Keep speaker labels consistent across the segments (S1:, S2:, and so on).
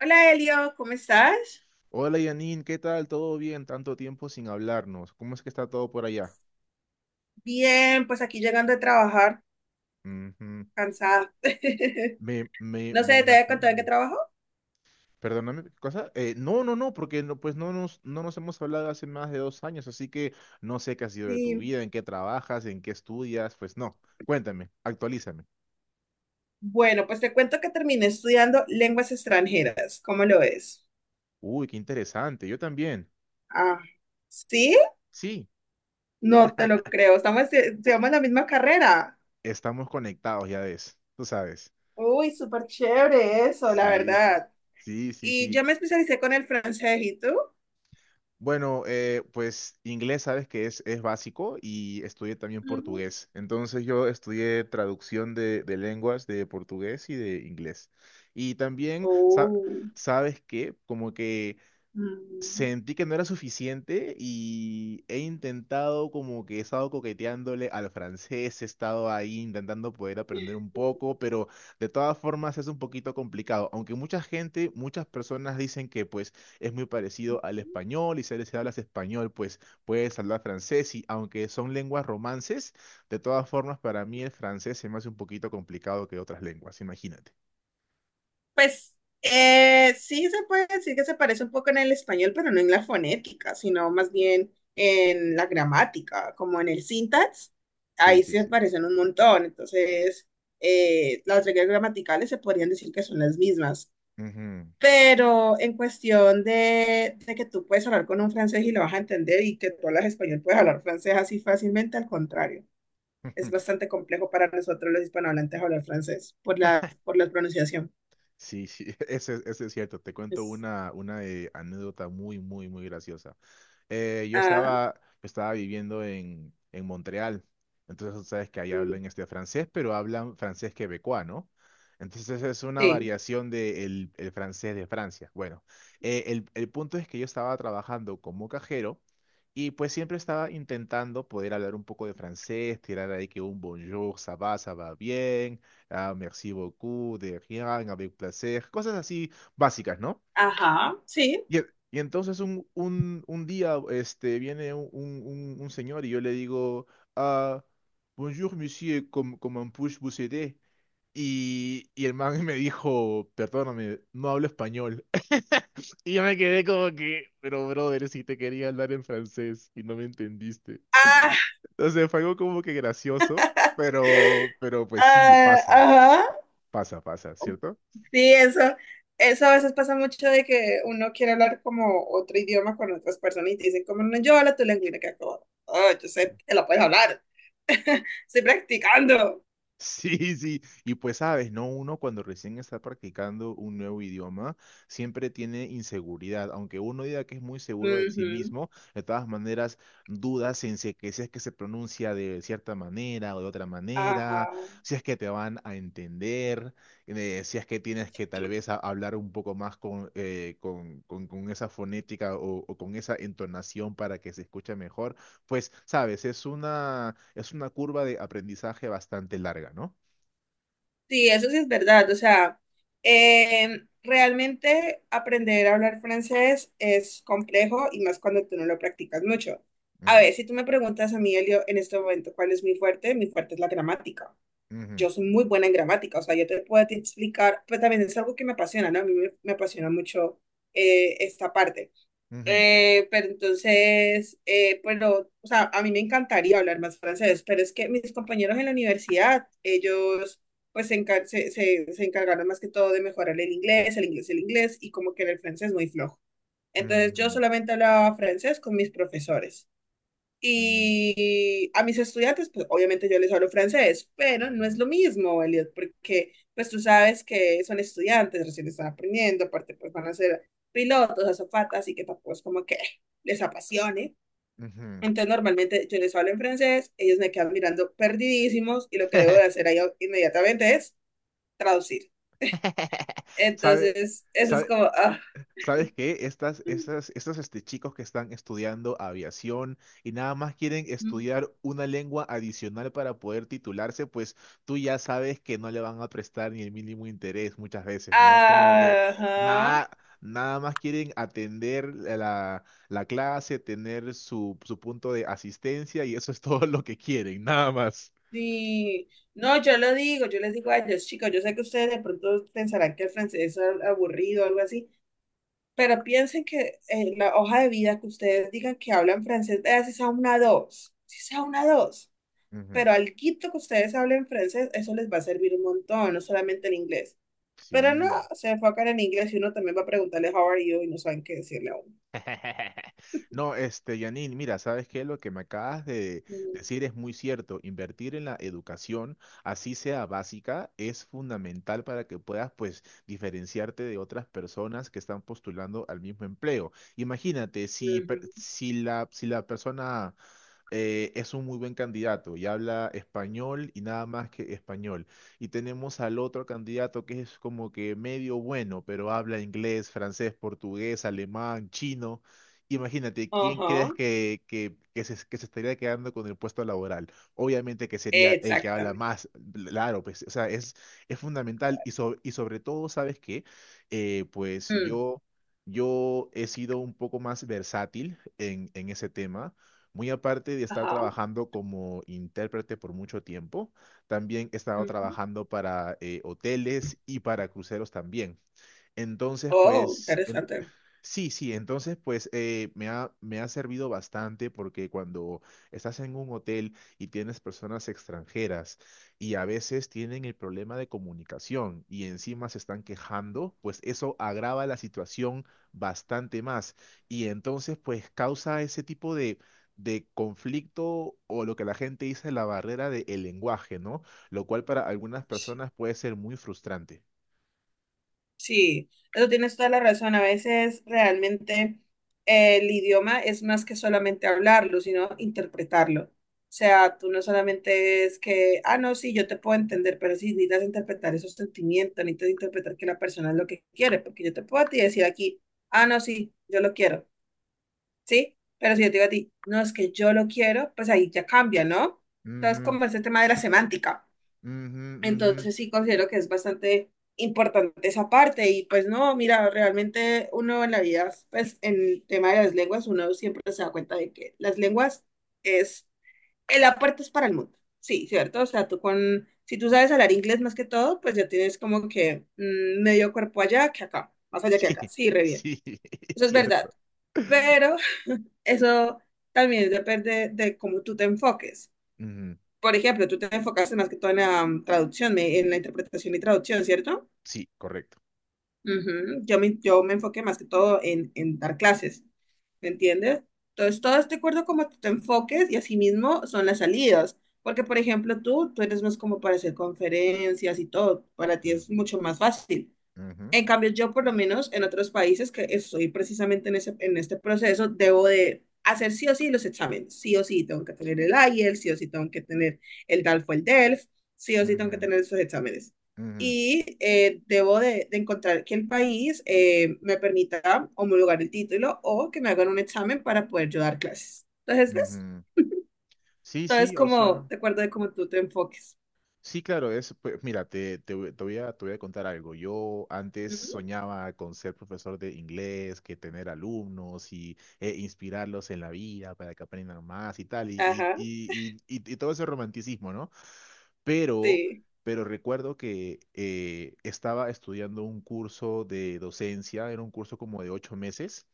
S1: Hola Elio, ¿cómo estás?
S2: Hola Janine, ¿qué tal? ¿Todo bien? Tanto tiempo sin hablarnos. ¿Cómo es que está todo por allá?
S1: Bien, pues aquí llegando de trabajar,
S2: Ujú.
S1: cansada.
S2: Me, me,
S1: No
S2: me
S1: sé, ¿te voy a contar en qué
S2: imagino.
S1: trabajo?
S2: Perdóname, ¿qué cosa? No, porque no, pues no nos hemos hablado hace más de 2 años, así que no sé qué ha sido de tu
S1: Sí.
S2: vida, en qué trabajas, en qué estudias, pues no. Cuéntame, actualízame.
S1: Bueno, pues te cuento que terminé estudiando lenguas extranjeras. ¿Cómo lo ves?
S2: Uy, qué interesante, yo también.
S1: Ah, ¿sí?
S2: Sí,
S1: No te lo creo. Estamos, estudiamos la misma carrera.
S2: estamos conectados, ya ves, tú sabes.
S1: Uy, súper chévere eso, la
S2: Sí, sí,
S1: verdad.
S2: sí, sí.
S1: Y yo
S2: Sí.
S1: me especialicé con el francés, ¿y tú?
S2: Bueno, pues inglés sabes que es básico y estudié también
S1: Ujú.
S2: portugués. Entonces yo estudié traducción de lenguas de portugués y de inglés. Y también,
S1: Oh.
S2: ¿sabes que como que
S1: Mm.
S2: sentí que no era suficiente y he intentado como que he estado coqueteándole al francés, he estado ahí intentando poder aprender un poco, pero de todas formas es un poquito complicado, aunque mucha gente, muchas personas dicen que pues es muy parecido al español y si les hablas español pues puedes hablar francés y aunque son lenguas romances, de todas formas para mí el francés se me hace un poquito complicado que otras lenguas, imagínate.
S1: Pues sí se puede decir que se parece un poco en el español, pero no en la fonética, sino más bien en la gramática, como en el syntax.
S2: Sí,
S1: Ahí
S2: sí,
S1: sí se
S2: sí.
S1: parecen un montón. Entonces, las reglas gramaticales se podrían decir que son las mismas.
S2: Ujú.
S1: Pero en cuestión de que tú puedes hablar con un francés y lo vas a entender y que tú hablas español, puedes hablar francés así fácilmente, al contrario. Es bastante complejo para nosotros los hispanohablantes hablar francés por la pronunciación.
S2: Sí, sí, ese es cierto. Te cuento
S1: Es-
S2: una anécdota muy, muy, muy graciosa. Yo
S1: ah.
S2: estaba viviendo en Montreal, entonces tú sabes que ahí
S1: Mm,
S2: hablan este francés, pero hablan francés quebecois, ¿no? Entonces es una
S1: sí,
S2: variación del francés de Francia. Bueno, el punto es que yo estaba trabajando como cajero y pues siempre estaba intentando poder hablar un poco de francés, tirar ahí que un bonjour, ça va bien, ah, merci beaucoup, de rien, avec placer, cosas así básicas, ¿no?
S1: ajá, sí.
S2: Y, y entonces un día este, viene un señor y yo le digo, ah, Bonjour, monsieur, comment puis vous aider? Y el man me dijo, perdóname, no hablo español. Y yo me quedé como que, pero brother, si te quería hablar en francés y no me entendiste.
S1: Ah,
S2: Entonces fue algo como que gracioso, pero pues sí,
S1: ah,
S2: pasa,
S1: ajá.
S2: pasa, pasa, ¿cierto?
S1: Sí, eso a veces pasa mucho de que uno quiere hablar como otro idioma con otras personas y te dicen como no, yo hablo tu lengua y uno queda como, oh, yo sé que lo puedes hablar, estoy practicando.
S2: Sí, sí, y pues sabes, ¿no? Uno cuando recién está practicando un nuevo idioma siempre tiene inseguridad, aunque uno diga que es muy seguro de sí
S1: Ujú,
S2: mismo, de todas maneras dudas en si, que si es que se pronuncia de cierta manera o de otra
S1: ajá,
S2: manera, si es que te van a entender, si es que tienes que tal
S1: sí.
S2: vez hablar un poco más con, con esa fonética o con esa entonación para que se escuche mejor pues, sabes, es una curva de aprendizaje bastante larga, ¿no?
S1: Sí, eso sí es verdad. O sea, realmente aprender a hablar francés es complejo y más cuando tú no lo practicas mucho. A
S2: Ujú,
S1: ver, si tú me preguntas a mí, Elio, en este momento, ¿cuál es mi fuerte? Mi fuerte es la gramática.
S2: ujú,
S1: Yo soy muy buena en gramática, o sea, yo te puedo te explicar, pues también es algo que me apasiona, ¿no? A mí me, me apasiona mucho esta parte.
S2: ujú,
S1: Pero entonces, pero, o sea, a mí me encantaría hablar más francés, pero es que mis compañeros en la universidad, ellos pues se, se encargaron más que todo de mejorar el inglés, el inglés, el inglés, y como que era el francés muy flojo. Entonces yo
S2: ujú,
S1: solamente hablaba francés con mis profesores.
S2: ujú,
S1: Y a mis estudiantes, pues obviamente yo les hablo francés, pero no es
S2: ujú,
S1: lo mismo, Elliot, porque pues tú sabes que son estudiantes, recién están aprendiendo, aparte pues van a ser pilotos, azafatas, así que tampoco es como que les apasione.
S2: ujú.
S1: Entonces normalmente yo les hablo en francés, ellos me quedan mirando perdidísimos y lo que debo de hacer ahí inmediatamente es traducir.
S2: ¿Sabe-
S1: Entonces, eso es
S2: sabe-
S1: como ah.
S2: ¿Sabes qué? Estos chicos que están estudiando aviación y nada más quieren estudiar una lengua adicional para poder titularse, pues tú ya sabes que no le van a prestar ni el mínimo interés muchas veces, ¿no? Como que
S1: Ajá.
S2: nada, nada más quieren atender la clase, tener su punto de asistencia y eso es todo lo que quieren, nada más.
S1: Sí, no, yo lo digo, yo les digo a ellos, chicos, yo sé que ustedes de pronto pensarán que el francés es aburrido o algo así, pero piensen que la hoja de vida que ustedes digan que hablan francés, vea si sea una dos, si sea una dos,
S2: Ujú.
S1: pero al quito que ustedes hablen francés, eso les va a servir un montón, no solamente el inglés. Pero no,
S2: Sí.
S1: se enfocan en inglés y uno también va a preguntarle how are you y no saben qué decirle a uno.
S2: No, Janine, mira, ¿sabes qué? Lo que me acabas de
S1: Mm,
S2: decir es muy cierto. Invertir en la educación, así sea básica, es fundamental para que puedas, pues, diferenciarte de otras personas que están postulando al mismo empleo. Imagínate, si,
S1: ujú.
S2: si la, si la persona es un muy buen candidato y habla español y nada más que español y tenemos al otro candidato que es como que medio bueno, pero habla inglés, francés, portugués, alemán, chino. Imagínate, ¿quién crees
S1: Ajá,
S2: que se estaría quedando con el puesto laboral? Obviamente que sería el que habla
S1: exactamente.
S2: más, claro, pues, o sea, es fundamental y, y sobre todo, ¿sabes qué? Pues
S1: Mm,
S2: yo he sido un poco más versátil en ese tema, muy aparte de estar
S1: ajá.
S2: trabajando como intérprete por mucho tiempo. También he estado
S1: Ujú.
S2: trabajando para hoteles y para cruceros también. Entonces,
S1: Oh,
S2: pues,
S1: interesante.
S2: sí, sí, entonces pues me ha servido bastante porque cuando estás en un hotel y tienes personas extranjeras y a veces tienen el problema de comunicación y encima se están quejando, pues eso agrava la situación bastante más y entonces pues causa ese tipo de conflicto o lo que la gente dice la barrera del lenguaje, ¿no? Lo cual para algunas personas puede ser muy frustrante.
S1: Sí, eso tienes toda la razón. A veces realmente el idioma es más que solamente hablarlo, sino interpretarlo. O sea, tú no solamente es que, ah, no, sí, yo te puedo entender, pero sí necesitas interpretar esos sentimientos, necesitas interpretar que la persona es lo que quiere, porque yo te puedo a ti decir aquí, ah, no, sí, yo lo quiero, ¿sí? Pero si yo te digo a ti, no, es que yo lo quiero, pues ahí ya cambia, ¿no? Entonces, como ese tema de la semántica.
S2: Ujú, ujú, ujú.
S1: Entonces sí considero que es bastante importante esa parte y pues no, mira, realmente uno en la vida, pues en el tema de las lenguas, uno siempre se da cuenta de que las lenguas es el aporte es para el mundo, sí, ¿cierto? O sea, tú con, si tú sabes hablar inglés más que todo, pues ya tienes como que mm, medio cuerpo allá que acá, más allá que
S2: Sí,
S1: acá, sí, re bien,
S2: sí, es
S1: eso es verdad,
S2: cierto.
S1: pero eso también depende de cómo tú te enfoques.
S2: Ujú.
S1: Por ejemplo, tú te enfocaste más que todo en la mm, en la interpretación y traducción, ¿cierto?
S2: Sí, correcto.
S1: Ujú. Yo me enfoqué más que todo en dar clases, ¿me entiendes? Entonces, todo es de acuerdo a cómo tú te enfoques y asimismo son las salidas. Porque, por ejemplo, tú eres más como para hacer conferencias y todo, para ti es
S2: Ujú,
S1: mucho más fácil.
S2: ujú,
S1: En cambio, yo por lo menos en otros países que estoy precisamente en ese, en este proceso, debo de hacer sí o sí los exámenes. Sí o sí tengo que tener el IELTS, sí o sí tengo que tener el DALF o el DELF, sí o sí tengo que
S2: ujú,
S1: tener esos exámenes.
S2: ujú,
S1: Y debo de encontrar que el país me permita homologar el título o que me hagan un examen para poder yo dar clases. Entonces, ¿ves?
S2: ujú. Sí,
S1: Entonces,
S2: sí, o sea,
S1: como, de acuerdo de cómo tú te enfoques.
S2: sí, claro, es, pues, mira, te voy a contar algo. Yo antes
S1: Ujú.
S2: soñaba con ser profesor de inglés, que tener alumnos y inspirarlos en la vida para que aprendan más y tal, y, y,
S1: Ajá,
S2: y, y, y- y todo ese romanticismo, ¿no? Pero,
S1: sí.
S2: pero recuerdo que estaba estudiando un curso de docencia, era un curso como de 8 meses.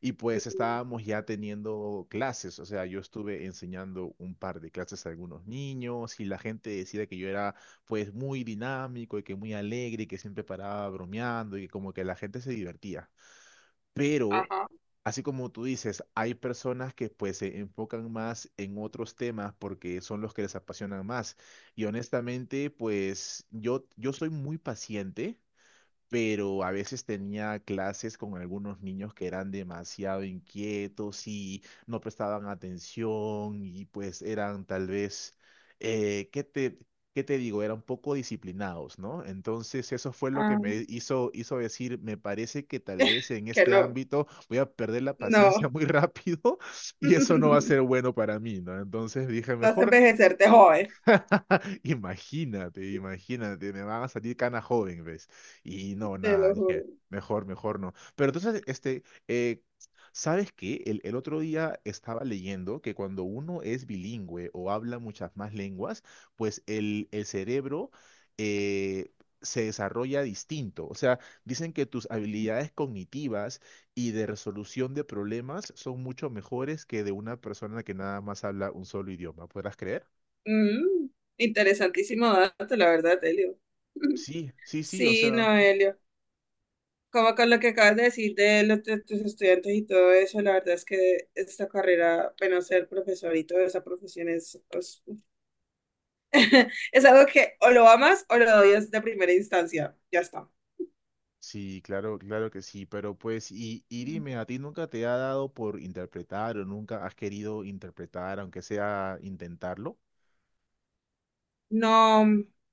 S2: Y pues
S1: Ujú.
S2: estábamos ya teniendo clases, o sea, yo estuve enseñando un par de clases a algunos niños y la gente decía que yo era pues muy dinámico y que muy alegre y que siempre paraba bromeando y como que la gente se divertía. Pero,
S1: Ajá.
S2: así como tú dices, hay personas que pues se enfocan más en otros temas porque son los que les apasionan más. Y honestamente, pues yo soy muy paciente pero a veces tenía clases con algunos niños que eran demasiado inquietos y no prestaban atención y pues eran tal vez, eh, ¿qué te, qué te digo? Eran poco disciplinados, ¿no? Entonces eso fue lo que
S1: Ah.
S2: me hizo decir, me parece que tal vez en
S1: Que
S2: este
S1: no.
S2: ámbito voy a perder la paciencia
S1: No,
S2: muy rápido y eso no va a ser bueno para mí, ¿no? Entonces dije,
S1: vas a
S2: mejor.
S1: envejecerte joven,
S2: Imagínate, imagínate, me van a salir cana joven, ¿ves? Y no,
S1: te
S2: nada,
S1: lo juro.
S2: dije, mejor, mejor no. Pero entonces, eh, ¿sabes qué? El otro día estaba leyendo que cuando uno es bilingüe o habla muchas más lenguas, pues el cerebro eh, se desarrolla distinto. O sea, dicen que tus habilidades cognitivas y de resolución de problemas son mucho mejores que de una persona que nada más habla un solo idioma. ¿Podrás creer?
S1: Mm, interesantísimo dato, la verdad, Helio.
S2: Sí, sí, sí, o
S1: Sí,
S2: sea,
S1: no, Helio. Como con lo que acabas de decir de los de tus estudiantes y todo eso, la verdad es que esta carrera, bueno, ser profesor y toda esa profesión es, es algo que o lo amas o lo odias de primera instancia. Ya está.
S2: sí, claro, claro que sí, pero pues, y
S1: Mm.
S2: dime, ¿a ti nunca te ha dado por interpretar o nunca has querido interpretar, aunque sea intentarlo?
S1: No,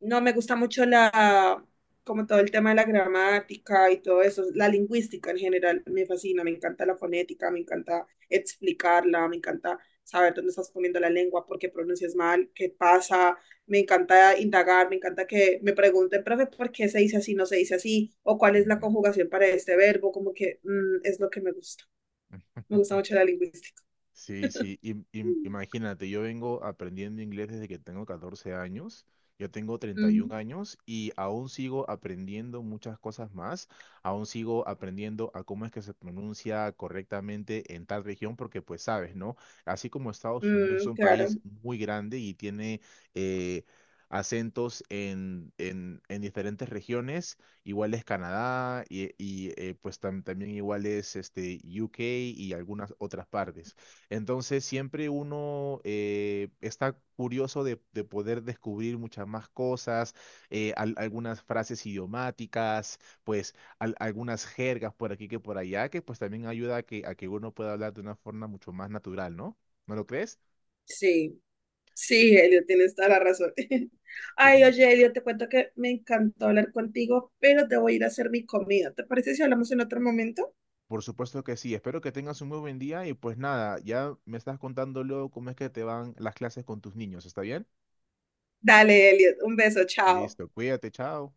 S1: no me gusta mucho la, como todo el tema de la gramática y todo eso, la lingüística en general me fascina, me encanta la fonética, me encanta explicarla, me encanta saber dónde estás poniendo la lengua, por qué pronuncias mal, qué pasa, me encanta indagar, me encanta que me pregunten, profe, ¿por qué se dice así, no se dice así? O cuál es la
S2: Ujú.
S1: conjugación para este verbo, como que mm, es lo que me gusta mucho la lingüística.
S2: Sí, sí,
S1: Mm,
S2: imagínate, yo vengo aprendiendo inglés desde que tengo 14 años, yo tengo 31 años y aún sigo aprendiendo muchas cosas más, aún sigo aprendiendo a cómo es que se pronuncia correctamente en tal región, porque pues sabes, ¿no? Así como
S1: ujú,
S2: Estados Unidos es
S1: mm,
S2: un
S1: claro,
S2: país muy grande y tiene eh, acentos en diferentes regiones, igual es Canadá y, pues también igual es UK y algunas otras partes. Entonces siempre uno está curioso de poder descubrir muchas más cosas, algunas frases idiomáticas, pues algunas jergas por aquí que por allá, que pues también ayuda a que uno pueda hablar de una forma mucho más natural, ¿no? ¿No lo crees?
S1: sí. Sí, Elio, tienes toda la razón. Ay,
S2: Definitivamente.
S1: oye, Elio, te cuento que me encantó hablar contigo, pero te voy a ir a hacer mi comida. ¿Te parece si hablamos en otro momento?
S2: Por supuesto que sí. Espero que tengas un muy buen día y pues nada, ya me estás contando luego cómo es que te van las clases con tus niños, ¿está bien?
S1: Dale, Elio, un beso, chao.
S2: Listo, cuídate, chao.